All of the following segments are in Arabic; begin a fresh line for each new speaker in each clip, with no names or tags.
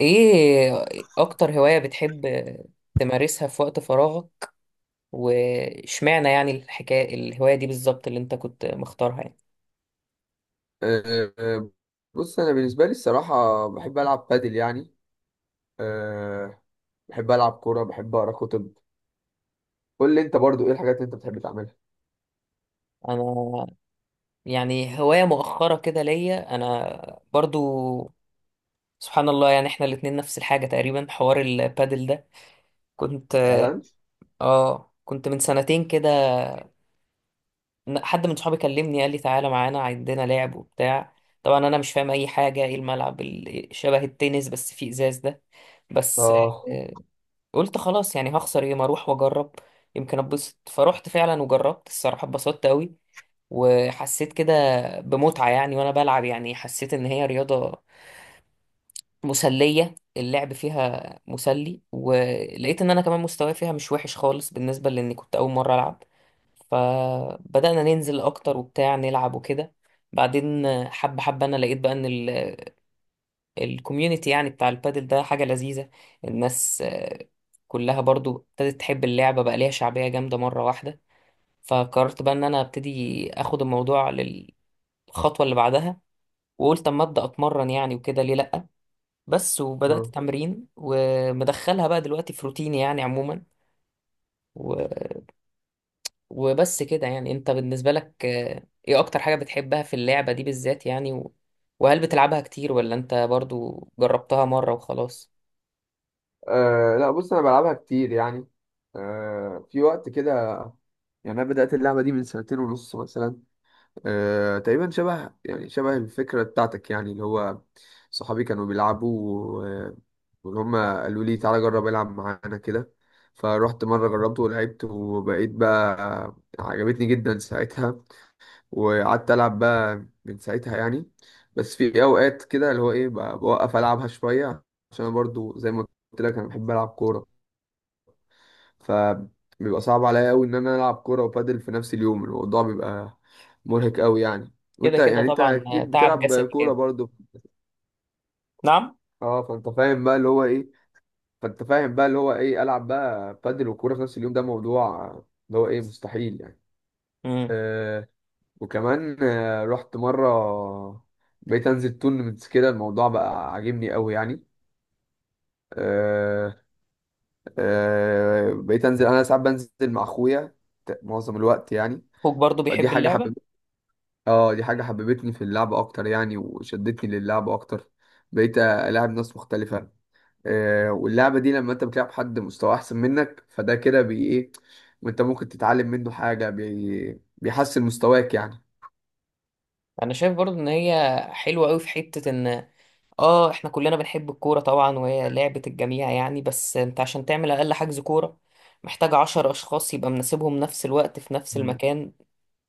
ايه اكتر هواية بتحب تمارسها في وقت فراغك؟ واشمعنى يعني الحكاية الهواية دي بالظبط اللي انت كنت مختارها يعني؟
أه، أه، بص انا بالنسبه لي الصراحه بحب العب بادل يعني. أه، بحب العب كوره، بحب اقرا كتب. قول لي انت برضو ايه الحاجات اللي انت بتحب تعملها.
انا يعني هواية مؤخرة كده ليا انا برضو. سبحان الله، يعني احنا الاتنين نفس الحاجة تقريبا. حوار البادل ده كنت
فعلا.
اه كنت من سنتين كده. حد من صحابي كلمني قال لي تعالى معانا عندنا لعب وبتاع. طبعا انا مش فاهم اي حاجة، ايه الملعب شبه التنس بس فيه ازاز ده؟ بس
اه.
قلت خلاص، يعني هخسر ايه، ما اروح واجرب، يمكن اتبسط. فروحت فعلا وجربت الصراحه، اتبسطت قوي وحسيت كده بمتعه يعني وانا بلعب. يعني حسيت ان هي رياضه مسليه، اللعب فيها مسلي، ولقيت ان انا كمان مستواي فيها مش وحش خالص بالنسبه لاني كنت اول مره العب. فبدأنا ننزل أكتر وبتاع، نلعب وكده. بعدين حبة حبة أنا لقيت بقى إن الكوميونتي يعني بتاع البادل ده حاجة لذيذة. الناس آه، كلها برضو ابتدت تحب اللعبة، بقى ليها شعبية جامدة مرة واحدة. فقررت بقى ان انا ابتدي اخد الموضوع للخطوة اللي بعدها، وقلت اما ابدا اتمرن يعني وكده، ليه لا؟ بس وبدات
مم.
تمرين ومدخلها بقى دلوقتي في روتيني يعني عموما. و... وبس كده. يعني انت بالنسبة لك آه، ايه اكتر حاجة بتحبها في اللعبة دي بالذات يعني؟ وهل بتلعبها كتير ولا انت برضو جربتها مرة وخلاص؟
لا بص انا بلعبها كتير يعني، في وقت كده. يعني انا بدات اللعبه دي من سنتين ونص مثلا. تقريبا شبه يعني شبه الفكرة بتاعتك، يعني اللي هو صحابي كانوا بيلعبوا وإن هما قالوا لي تعالى جرب العب معانا كده. فروحت مرة جربت ولعبت وبقيت بقى عجبتني جدا ساعتها، وقعدت ألعب بقى من ساعتها يعني. بس في أوقات كده اللي هو إيه بوقف ألعبها شوية، عشان أنا برضو زي ما قلت لك أنا بحب ألعب كورة، فبيبقى صعب عليا قوي ان انا العب كوره وبادل في نفس اليوم، الموضوع بيبقى مرهق قوي يعني.
كده
وانت
كده
يعني انت
طبعا آه،
اكيد
تعب
بتلعب
جسدي
كوره
جامد.
برضو.
نعم.
اه فانت فاهم بقى اللي هو ايه، فانت فاهم بقى اللي هو ايه العب بقى بادل وكوره في نفس اليوم، ده موضوع اللي هو ايه مستحيل يعني.
امم.
آه وكمان آه رحت مره، بقيت انزل تورنمنتس كده، الموضوع بقى عاجبني قوي يعني. آه آه بقيت انزل، انا ساعات بنزل مع اخويا، معظم الوقت يعني.
اخوك برضو
فدي
بيحب
حاجه
اللعبه؟
حببتني، اه دي حاجة حببتني في اللعبة أكتر يعني وشدتني للعبة أكتر. بقيت ألعب ناس مختلفة آه، واللعبة دي لما أنت بتلعب حد مستوى أحسن منك فده كده بي إيه، وأنت ممكن تتعلم منه حاجة بي بيحسن مستواك يعني.
انا شايف برضو ان هي حلوه قوي في حته ان اه احنا كلنا بنحب الكوره طبعا، وهي لعبه الجميع يعني، بس انت عشان تعمل اقل حجز كوره محتاج عشر اشخاص يبقى مناسبهم نفس الوقت في نفس
مم.
المكان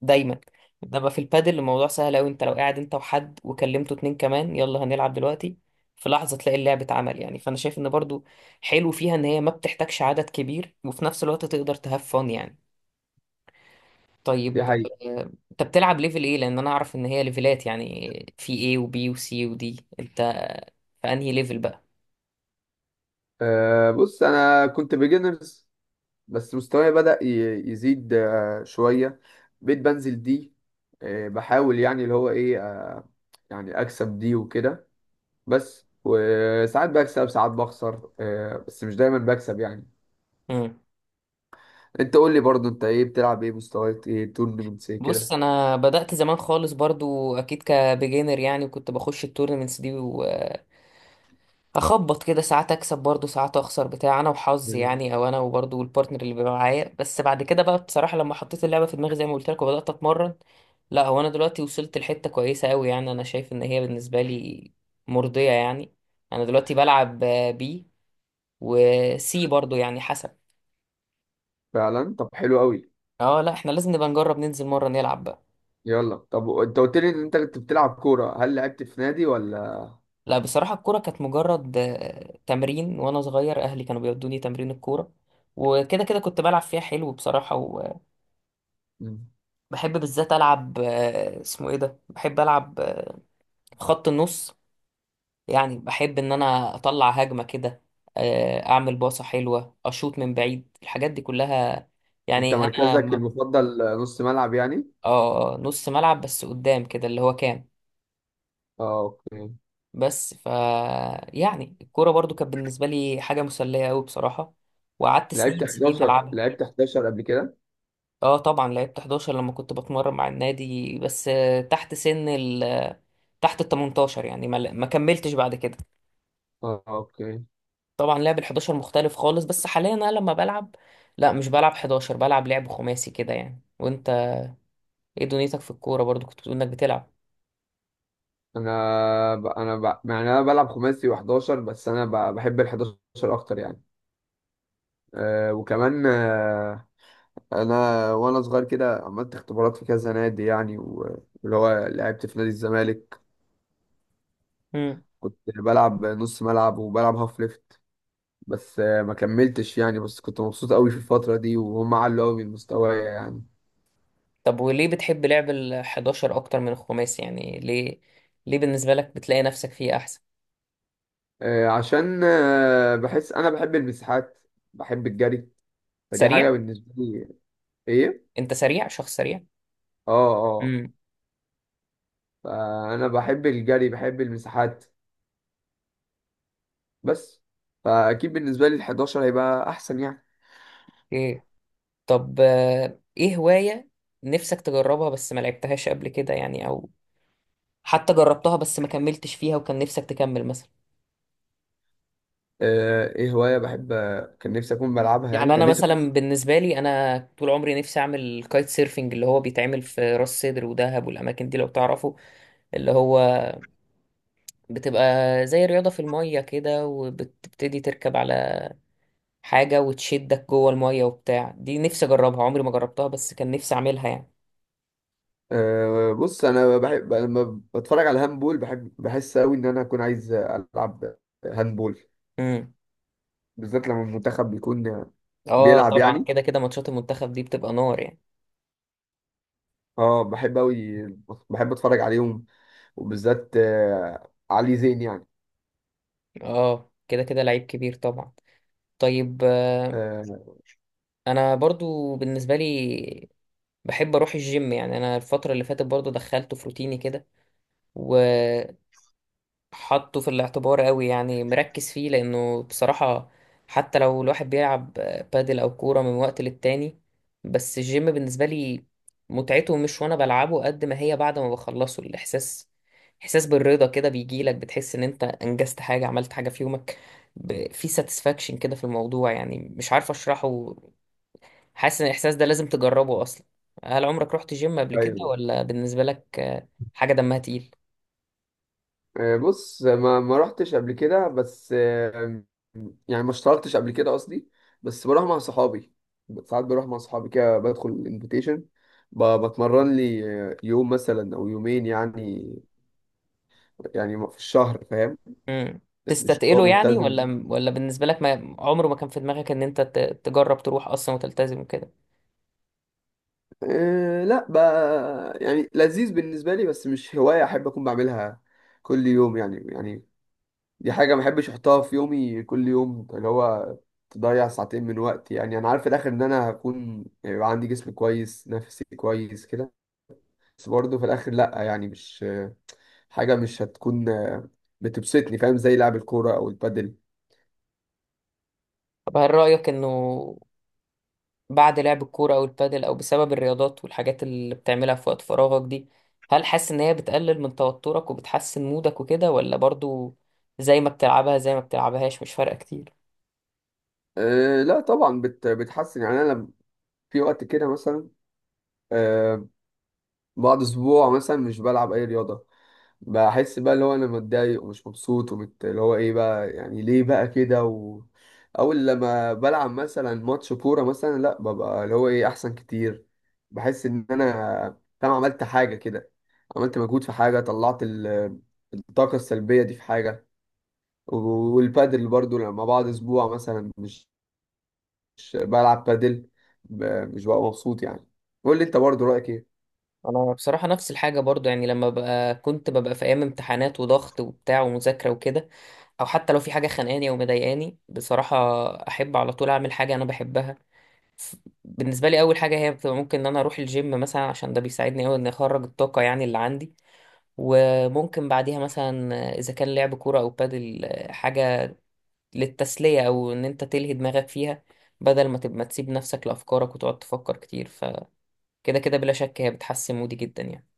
دايما. انما في البادل الموضوع سهل قوي، انت لو قاعد انت وحد وكلمته اتنين كمان، يلا هنلعب دلوقتي. في لحظه تلاقي اللعب اتعمل يعني. فانا شايف ان برضو حلو فيها ان هي ما بتحتاجش عدد كبير، وفي نفس الوقت تقدر تهاف فن يعني.
دي
طيب
حقيقة.
آه، انت بتلعب ليفل ايه؟ لان انا اعرف ان هي ليفلات يعني، في ايه وبي وسي ودي، انت في انهي ليفل بقى؟
آه بص أنا كنت بيجنرز، بس مستواي بدأ يزيد آه شوية، بقيت بنزل دي آه، بحاول يعني اللي هو إيه آه يعني أكسب دي وكده، بس وساعات بكسب ساعات بخسر، آه، بس مش دايما بكسب يعني.
مم.
انت قول لي برضو انت ايه، بتلعب ايه، مستويات ايه، تورنمنتس ايه
بص
كده.
انا بدأت زمان خالص برضو، اكيد كبيجينر يعني، وكنت بخش التورنمنتس دي، اخبط كده ساعات اكسب برضو ساعات اخسر بتاع، انا وحظي يعني او انا وبرضو البارتنر اللي بيبقى معايا. بس بعد كده بقى بصراحه لما حطيت اللعبه في دماغي زي ما قلت لك وبدات اتمرن، لا هو انا دلوقتي وصلت لحته كويسه قوي يعني. انا شايف ان هي بالنسبه لي مرضيه يعني. انا دلوقتي بلعب بي وسي برضو يعني حسب.
فعلا طب حلو قوي.
اه لا، احنا لازم نبقى نجرب ننزل مره نلعب بقى.
يلا طب انت قلت لي ان انت كنت بتلعب كورة، هل لعبت في نادي ولا.
لا بصراحه الكوره كانت مجرد آه، تمرين. وانا صغير اهلي كانوا بيودوني تمرين الكوره، وكده كده كنت بلعب فيها حلو بصراحه.
مم.
بحب بالذات العب آه، اسمه ايه ده، بحب العب آه، خط النص. يعني بحب ان انا اطلع هجمه كده، آه، اعمل باصه حلوه، اشوط من بعيد، الحاجات دي كلها.
انت
يعني
مركزك المفضل نص ملعب يعني.
اه آه، نص ملعب بس قدام كده اللي هو كام.
اه اوكي.
بس ف يعني الكوره برضو كانت بالنسبه لي حاجه مسليه قوي بصراحه، وقعدت
لعبت
سنين سنين
11،
العبها.
لعبت 11 قبل كده.
اه طبعا لعبت 11 لما كنت بتمرن مع النادي، بس آه، تحت سن ال تحت ال 18 يعني، ما كملتش بعد كده.
اه اوكي.
طبعا لعب ال 11 مختلف خالص. بس حاليا انا لما بلعب، لا مش بلعب 11، بلعب لعب خماسي كده يعني. وانت ايه دنيتك في الكوره؟ برضو كنت بتقول انك بتلعب.
انا يعني انا بلعب خماسي و11، بس انا بحب ال 11 اكتر يعني. آه وكمان آه، انا وانا صغير كده عملت اختبارات في كذا نادي يعني، واللي هو لعبت في نادي الزمالك،
امم.
كنت بلعب نص ملعب وبلعب هاف ليفت، بس آه، ما كملتش يعني، بس كنت مبسوط قوي في الفترة دي وهم علوا قوي من مستواي يعني.
طب وليه بتحب لعب ال 11 اكتر من الخماسي يعني؟ ليه ليه بالنسبه لك بتلاقي نفسك فيه احسن؟
آه، عشان آه، بحس انا بحب المساحات، بحب الجري، فدي
سريع؟
حاجة بالنسبة لي. ايه.
انت سريع، شخص سريع؟
اه اه.
امم.
فانا بحب الجري بحب المساحات بس. فاكيد بالنسبة لي ال11 هيبقى احسن يعني.
ايه. طب آه، ايه هوايه نفسك تجربها بس ما لعبتهاش قبل كده يعني، او حتى جربتها بس ما كملتش فيها وكان نفسك تكمل مثلا؟
آه، ايه هواية بحب، كان نفسي اكون بلعبها يعني،
يعني انا
كان نفسي أكون.
مثلا بالنسبه لي، انا طول عمري نفسي اعمل كايت سيرفنج، اللي هو بيتعمل في راس سدر ودهب والاماكن دي لو تعرفوا. اللي هو بتبقى زي رياضه في الميه كده، وبتبتدي تركب على حاجه وتشدك جوه الميه وبتاع. دي نفسي اجربها، عمري ما جربتها، بس كان نفسي اعملها يعني.
أه بص انا بحب لما بتفرج على هاندبول، بحب بحس قوي ان انا اكون عايز العب هاندبول،
امم.
بالذات لما المنتخب بيكون
اه
بيلعب
طبعا
يعني.
كده كده ماتشات المنتخب دي بتبقى نار يعني.
اه بحب قوي، بحب اتفرج عليهم، وبالذات آه، علي زين يعني.
اه كده كده لعيب كبير طبعا. طيب آه،
آه،
انا برضو بالنسبه لي بحب اروح الجيم يعني. انا الفتره اللي فاتت برضو دخلته في روتيني كده، وحطه في الاعتبار قوي يعني، مركز فيه، لانه بصراحه حتى لو الواحد بيلعب بادل او كوره من وقت للتاني، بس الجيم بالنسبه لي متعته مش وانا بلعبه قد ما هي بعد ما بخلصه، الاحساس، احساس بالرضا كده بيجيلك، بتحس ان انت انجزت حاجه، عملت حاجه في يومك. في ساتسفاكشن كده في الموضوع يعني، مش عارف اشرحه، حاسس ان الاحساس ده لازم تجربه اصلا. هل عمرك رحت جيم قبل كده،
ايوه.
ولا بالنسبه لك آه، حاجه دمها تقيل؟
آه، بص ما رحتش قبل كده، بس آه، يعني ما اشتركتش قبل كده قصدي، بس بروح مع صحابي، ساعات بروح مع صحابي كده بدخل الانفيتيشن، بتمرن لي آه، يوم مثلا او يومين يعني، يعني في الشهر فاهم.
امم.
مش هو
تستتقله يعني،
ملتزم.
ولا بالنسبه لك ما عمره ما كان في دماغك ان انت تجرب تروح اصلا وتلتزم كده؟
أه لا يعني لذيذ بالنسبة لي، بس مش هواية احب اكون بعملها كل يوم يعني. يعني دي حاجة ما بحبش احطها في يومي كل يوم، اللي هو تضيع ساعتين من وقتي يعني. انا عارف في الاخر ان انا هكون يعني يبقى عندي جسم كويس نفسي كويس كده، بس برضه في الاخر لا يعني مش حاجة مش هتكون بتبسطني، فاهم، زي لعب الكورة او البادل.
طب هل رايك انه بعد لعب الكوره او البادل، او بسبب الرياضات والحاجات اللي بتعملها في وقت فراغك دي، هل حاسس ان هي بتقلل من توترك وبتحسن مودك وكده، ولا برضو زي ما بتلعبها زي ما بتلعبهاش مش فارقه كتير؟
أه لا طبعا بتحسن يعني، انا لم- في وقت كده مثلا أه، بعد اسبوع مثلا مش بلعب اي رياضة، بحس بقى اللي هو انا متضايق ومش مبسوط اللي هو ايه بقى يعني ليه بقى كده و... اول لما بلعب مثلا ماتش كوره مثلا، لا ببقى اللي هو ايه احسن كتير، بحس ان انا فاهم عملت حاجه كده، عملت مجهود في حاجه، طلعت الطاقه السلبيه دي في حاجه. والبادل برضو لما بعد اسبوع مثلا مش بلعب بادل، ب... مش ببقى مبسوط يعني. قول لي انت برضو رايك ايه.
انا بصراحه نفس الحاجه برضو يعني. لما ببقى كنت ببقى في ايام امتحانات وضغط وبتاع ومذاكره وكده، او حتى لو في حاجه خانقاني او مضايقاني بصراحه، احب على طول اعمل حاجه انا بحبها. ف- بالنسبه لي اول حاجه هي بتبقى ممكن ان انا اروح الجيم مثلا، عشان ده بيساعدني قوي ان اخرج الطاقه يعني اللي عندي. وممكن بعديها مثلا اذا كان لعب كوره او بادل، حاجه للتسليه او ان انت تلهي دماغك فيها، بدل ما تبقى تسيب نفسك لافكارك وتقعد تفكر كتير. فكده كده بلا شك هي بتحسن مودي جدا يعني.